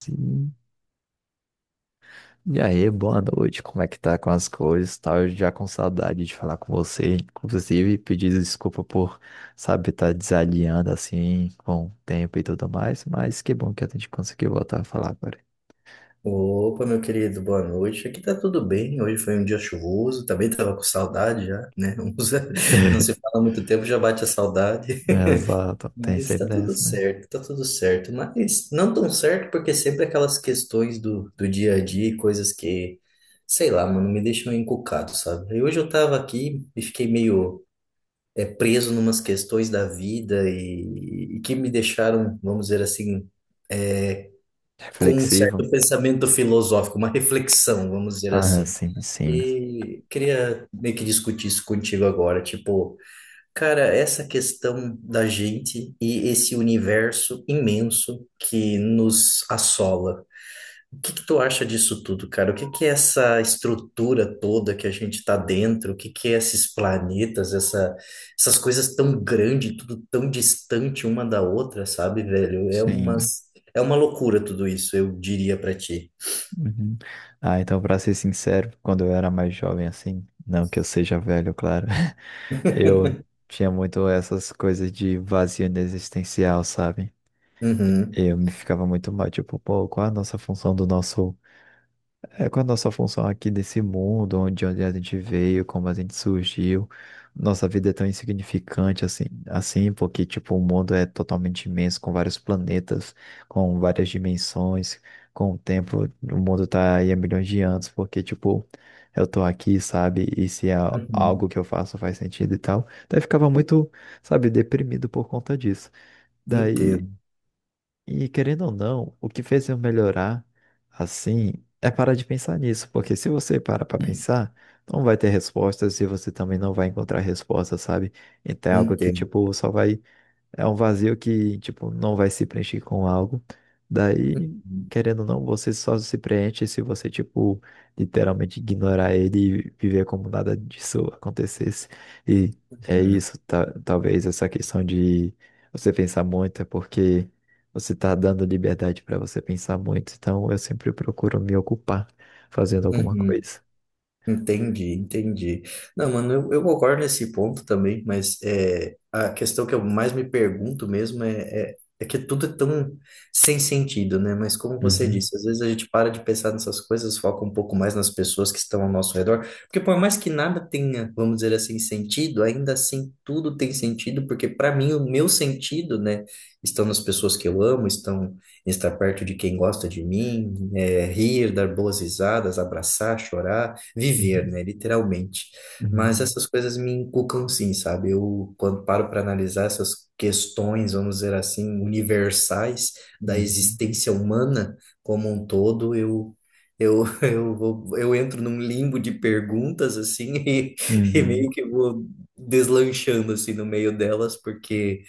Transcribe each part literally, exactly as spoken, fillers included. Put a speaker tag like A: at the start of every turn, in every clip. A: Sim. E aí, boa noite, como é que tá com as coisas? Tá, eu já com saudade de falar com você, inclusive pedir desculpa por, sabe, estar desalinhando assim com o tempo e tudo mais, mas que bom que a gente conseguiu voltar a falar agora.
B: Opa, meu querido, boa noite. Aqui tá tudo bem. Hoje foi um dia chuvoso, também tava com saudade já, né? Uns- Não se fala há muito tempo, já bate a saudade.
A: Exato, tem
B: Mas
A: sempre
B: tá tudo
A: dessa, né?
B: certo, tá tudo certo. Mas não tão certo, porque sempre aquelas questões do, do dia a dia, e coisas que, sei lá, mano, me deixam encucado, sabe? E hoje eu tava aqui e fiquei meio é, preso numas questões da vida e, e que me deixaram, vamos dizer assim, com um
A: Reflexivo?
B: certo pensamento filosófico, uma reflexão, vamos dizer
A: Ah,
B: assim.
A: sim, sim,
B: E queria meio que discutir isso contigo agora, tipo, cara, essa questão da gente e esse universo imenso que nos assola. O que que tu acha disso tudo, cara? O que que é essa estrutura toda que a gente está dentro? O que que é esses planetas, essa, essas coisas tão grandes, tudo tão distante uma da outra, sabe, velho? É
A: sim.
B: umas, é uma loucura tudo isso, eu diria pra ti.
A: Uhum. Ah, então, pra ser sincero, quando eu era mais jovem assim, não que eu seja velho, claro. Eu tinha muito essas coisas de vazio existencial, sabe?
B: Uhum,
A: Eu me ficava muito mal, tipo, pô, qual é a nossa função do nosso. É com a nossa função aqui desse mundo, onde, onde a gente veio, como a gente surgiu. Nossa vida é tão insignificante assim, assim, porque tipo, o mundo é totalmente imenso, com vários planetas, com várias dimensões, com o tempo, o mundo tá aí há milhões de anos, porque tipo, eu tô aqui, sabe? E se é
B: uhum.
A: algo que eu faço faz sentido e tal. Daí eu ficava muito, sabe, deprimido por conta disso. Daí
B: Entendo,
A: e querendo ou não, o que fez eu melhorar assim é parar de pensar nisso, porque se você para para pensar, não vai ter respostas e você também não vai encontrar respostas, sabe? Então é algo que
B: entendo.
A: tipo só vai é um vazio que, tipo, não vai se preencher com algo. Daí,
B: Uhum,
A: querendo ou não, você só se preenche se você, tipo, literalmente ignorar ele e viver como nada disso acontecesse. E é
B: uhum,
A: isso, ta- talvez essa questão de você pensar muito é porque você tá dando liberdade para você pensar muito. Então, eu sempre procuro me ocupar fazendo alguma
B: uhum.
A: coisa.
B: Entendi, entendi. Não, mano, eu, eu concordo nesse ponto também, mas é, a questão que eu mais me pergunto mesmo é, é, é que tudo é tão sem sentido, né? Mas como você
A: Uhum,
B: disse, às vezes a gente para de pensar nessas coisas, foca um pouco mais nas pessoas que estão ao nosso redor, porque por mais que nada tenha, vamos dizer assim, sentido, ainda assim tudo tem sentido, porque para mim o meu sentido, né, estão nas pessoas que eu amo, estão em estar perto de quem gosta de mim, é, rir, dar boas risadas, abraçar, chorar, viver,
A: uhum,
B: né, literalmente. Mas
A: uhum,
B: essas coisas me inculcam sim, sabe? Eu, quando paro para analisar essas questões, vamos dizer assim, universais da
A: uhum,
B: existência humana como um todo, eu eu eu vou, eu entro num limbo de perguntas assim e, e
A: uhum,
B: meio que vou deslanchando assim no meio delas, porque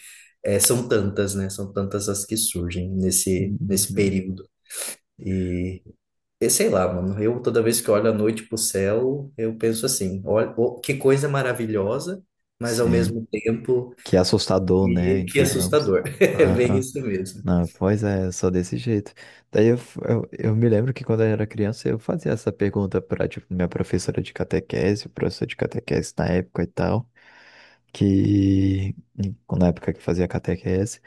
B: é, são tantas, né? São tantas as que surgem nesse nesse
A: uhum.
B: período. Eu sei lá, mano. Eu toda vez que olho à noite pro céu, eu penso assim: olha, ô, que coisa maravilhosa, mas ao
A: Sim.
B: mesmo tempo
A: Que é assustador, né?
B: que, que
A: Digamos.
B: assustador. É bem
A: Aham.
B: isso mesmo.
A: Não, pois é, só desse jeito. Daí eu, f- eu, eu me lembro que quando eu era criança eu fazia essa pergunta para tipo, minha professora de catequese, o professor de catequese na época e tal, que na época que fazia catequese,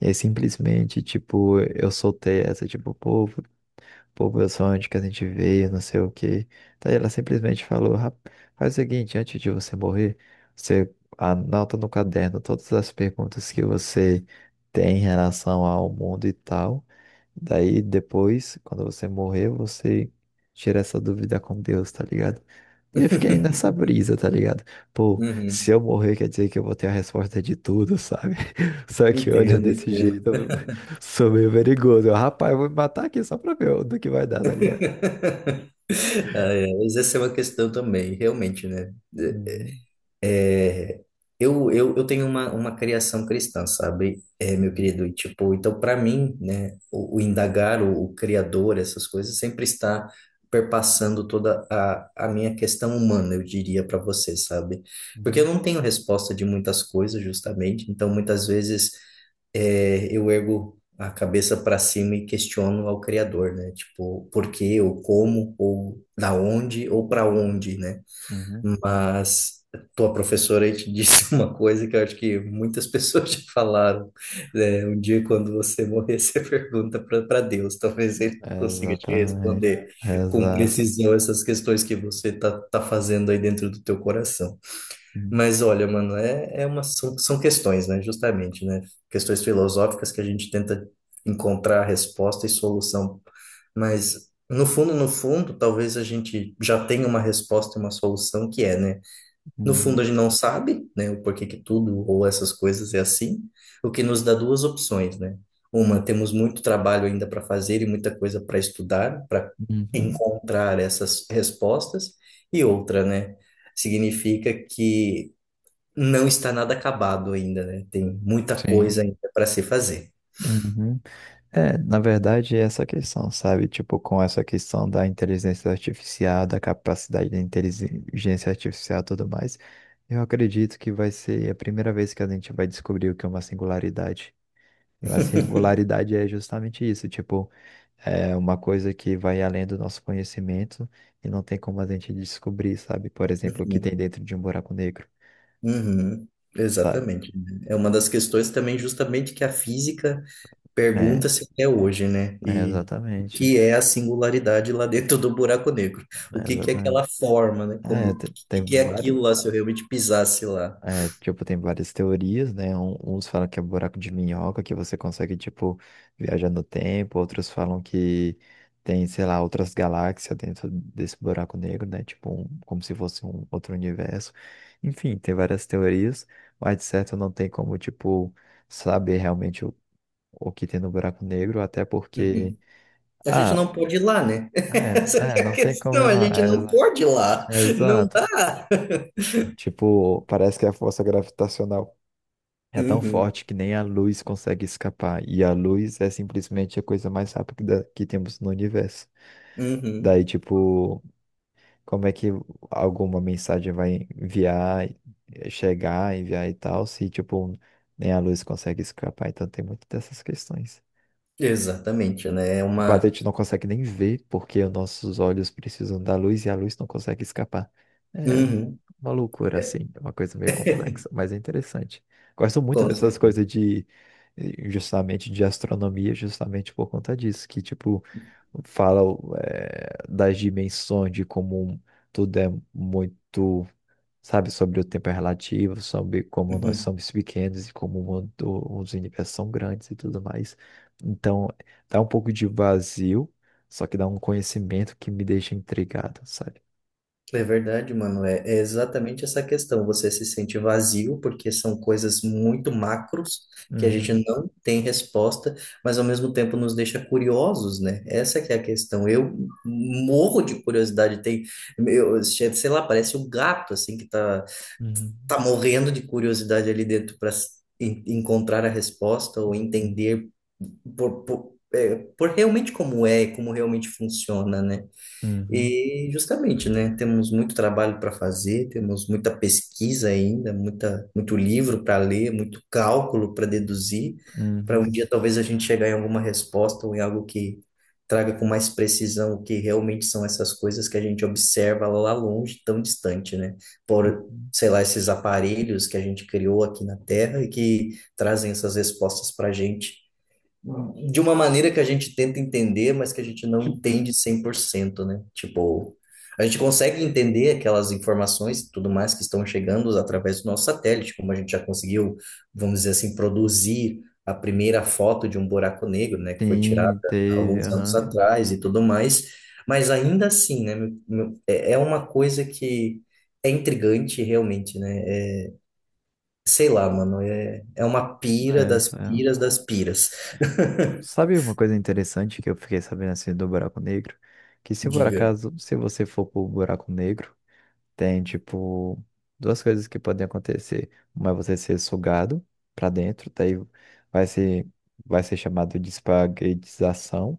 A: e aí simplesmente, tipo, eu soltei essa, tipo, pô, pô, meu sonho de que a gente veio, não sei o quê. Daí ela simplesmente falou, "Rap- faz o seguinte, antes de você morrer, você anota no caderno todas as perguntas que você tem em relação ao mundo e tal. Daí depois, quando você morrer, você tira essa dúvida com Deus, tá ligado? Daí eu fiquei nessa brisa, tá ligado? Pô,
B: Uhum.
A: se eu morrer, quer dizer que eu vou ter a resposta de tudo, sabe? Só que olha,
B: Entendo,
A: desse
B: entendo.
A: jeito, eu sou meio perigoso. Eu, rapaz, eu vou me matar aqui só pra ver do que vai dar, tá ligado?
B: Ah, é, mas essa é uma questão também, realmente, né?
A: Uhum,
B: É, eu, eu, eu tenho uma, uma criação cristã, sabe, é, meu
A: uhum,
B: querido? E, tipo, então, para mim, né, o, o indagar, o, o Criador, essas coisas, sempre está perpassando toda a, a minha questão humana, eu diria para você, sabe? Porque eu
A: uhum,
B: não tenho resposta de muitas coisas, justamente, então, muitas vezes, é, eu ergo a cabeça para cima e questiono ao Criador, né? Tipo, por quê, ou como, ou da onde, ou para
A: uhum,
B: onde, né?
A: uhum.
B: Mas tua professora aí te disse uma coisa que eu acho que muitas pessoas já falaram, né? Um dia, quando você morrer, você pergunta para Deus. Talvez ele consiga te
A: Exatamente.
B: responder com
A: Exato.
B: precisão essas questões que você tá, tá fazendo aí dentro do teu coração.
A: Uhum,
B: Mas olha, mano, é, é uma, são, são questões, né? Justamente, né? Questões filosóficas que a gente tenta encontrar resposta e solução. Mas, no fundo, no fundo, talvez a gente já tenha uma resposta e uma solução que é, né? No fundo, a
A: uhum,
B: gente não sabe, né, o porquê que tudo ou essas coisas é assim, o que nos dá duas opções, né? Uma, temos muito trabalho ainda para fazer e muita coisa para estudar, para
A: uhum.
B: encontrar essas respostas, e outra, né, significa que não está nada acabado ainda, né? Tem muita
A: Sim.
B: coisa ainda para se fazer.
A: Uhum. É, na verdade, é essa questão, sabe? Tipo, com essa questão da inteligência artificial, da capacidade da inteligência artificial e tudo mais, eu acredito que vai ser a primeira vez que a gente vai descobrir o que é uma singularidade. E uma singularidade é justamente isso, tipo, é uma coisa que vai além do nosso conhecimento e não tem como a gente descobrir, sabe? Por exemplo, o que tem
B: Uhum,
A: dentro de um buraco negro,
B: uhum,
A: sabe?
B: exatamente, né? É uma das questões também, justamente, que a física
A: É,
B: pergunta-se até hoje, né?
A: é
B: E o
A: exatamente,
B: que é a singularidade lá dentro do buraco negro? O
A: é
B: que que é
A: exatamente.
B: aquela forma, né? Como,
A: É,
B: o
A: te- tem
B: que que é aquilo
A: várias.
B: lá se eu realmente pisasse lá?
A: É, tipo, tem várias teorias, né? Um- Uns falam que é buraco de minhoca, que você consegue, tipo, viajar no tempo. Outros falam que tem, sei lá, outras galáxias dentro desse buraco negro, né? Tipo, um- como se fosse um outro universo. Enfim, tem várias teorias, mas de certo não tem como, tipo, saber realmente o, o que tem no buraco negro, até porque.
B: Uhum. A gente
A: Ah,
B: não pode ir lá, né? Essa
A: é,
B: que
A: é,
B: é a
A: não tem como
B: questão,
A: ir
B: a
A: lá.
B: gente
A: É,
B: não
A: exa-
B: pode ir lá.
A: é
B: Não
A: exato.
B: dá.
A: Tipo, parece que a força gravitacional. É tão
B: Uhum,
A: forte que nem a luz consegue escapar. E a luz é simplesmente a coisa mais rápida que temos no universo.
B: uhum.
A: Daí, tipo, como é que alguma mensagem vai enviar, eh, chegar, enviar e tal, se, tipo, nem a luz consegue escapar? Então tem muito dessas questões.
B: Exatamente, né? É
A: Tipo, a
B: uma.
A: gente não consegue nem ver porque os nossos olhos precisam da luz e a luz não consegue escapar. É
B: Uhum,
A: uma loucura, assim, é uma coisa meio complexa, mas é interessante. Gosto muito
B: com
A: dessas
B: certeza.
A: coisas de, eh, justamente, de astronomia, justamente por conta disso, que, tipo, fala, eh, das dimensões, de como tudo é muito sabe? Sobre o tempo é relativo, sobre como nós
B: Uhum.
A: somos pequenos e como o mundo, os universos são grandes e tudo mais. Então, dá um pouco de vazio, só que dá um conhecimento que me deixa intrigado, sabe?
B: É verdade, mano. É, é exatamente essa questão. Você se sente vazio porque são coisas muito macros que a gente
A: Uhum,
B: não tem resposta, mas ao mesmo tempo nos deixa curiosos, né? Essa que é a questão. Eu morro de curiosidade. Tem, eu, sei lá, parece um gato assim que tá,
A: uhum,
B: tá morrendo de curiosidade ali dentro para encontrar a resposta ou
A: uhum,
B: entender por, por, é, por realmente como é, como realmente funciona, né?
A: uhum,
B: E justamente, né, temos muito trabalho para fazer, temos muita pesquisa ainda, muita, muito livro para ler, muito cálculo para deduzir, para
A: uhum,
B: um dia talvez a gente chegar em alguma resposta ou em algo que traga com mais precisão o que realmente são essas coisas que a gente observa lá longe, tão distante, né? Por,
A: uhum.
B: sei lá, esses aparelhos que a gente criou aqui na Terra e que trazem essas respostas para a gente de uma maneira que a gente tenta entender, mas que a gente não entende cem por cento, né? Tipo, a gente consegue entender aquelas informações e tudo mais que estão chegando através do nosso satélite, como a gente já conseguiu, vamos dizer assim, produzir a primeira foto de um buraco negro, né, que foi
A: Sim,
B: tirada há
A: teve,
B: alguns anos
A: aham.
B: atrás e tudo mais, mas ainda assim, né, meu- meu- é é uma coisa que é intrigante realmente, né? É, sei lá, mano, é, é uma pira das
A: Essa é.
B: piras das piras.
A: Sabe uma coisa interessante que eu fiquei sabendo assim do buraco negro? Que se por
B: Diga.
A: acaso, se você for pro buraco negro, tem, tipo, duas coisas que podem acontecer. Uma é você ser sugado para dentro, daí vai ser, vai ser chamado de espaguetização,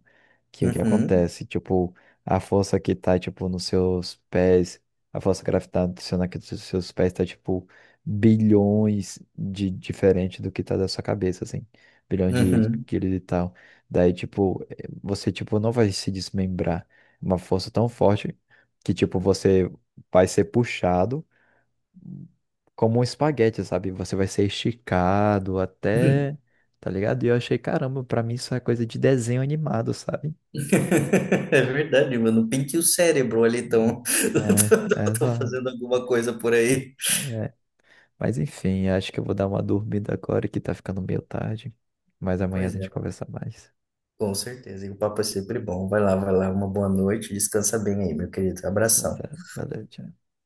A: que é o que
B: Uhum,
A: acontece? Tipo, a força que tá, tipo, nos seus pés, a força gravitacional que dos seus pés tá, tipo, bilhões de diferente do que tá da sua cabeça, assim. Bilhões de
B: uhum.
A: quilos e tal. Daí, tipo, eh, você, tipo, não vai se desmembrar. Uma força tão forte que, tipo, você vai ser puxado como um espaguete, sabe? Você vai ser esticado até, tá ligado? E eu achei, caramba, pra mim isso é coisa de desenho animado, sabe?
B: É verdade, mano. Pinte o cérebro ali,
A: Hum.
B: então.
A: É, é
B: Tô
A: exato.
B: fazendo alguma coisa por aí.
A: É. Mas enfim, acho que eu vou dar uma dormida agora que tá ficando meio tarde. Mas amanhã a
B: Pois é,
A: gente
B: mano.
A: conversa mais.
B: Com certeza. E o papo é sempre bom. Vai lá, vai lá. Uma boa noite. Descansa bem aí, meu querido.
A: Tá
B: Abração.
A: certo. Valeu, tchau.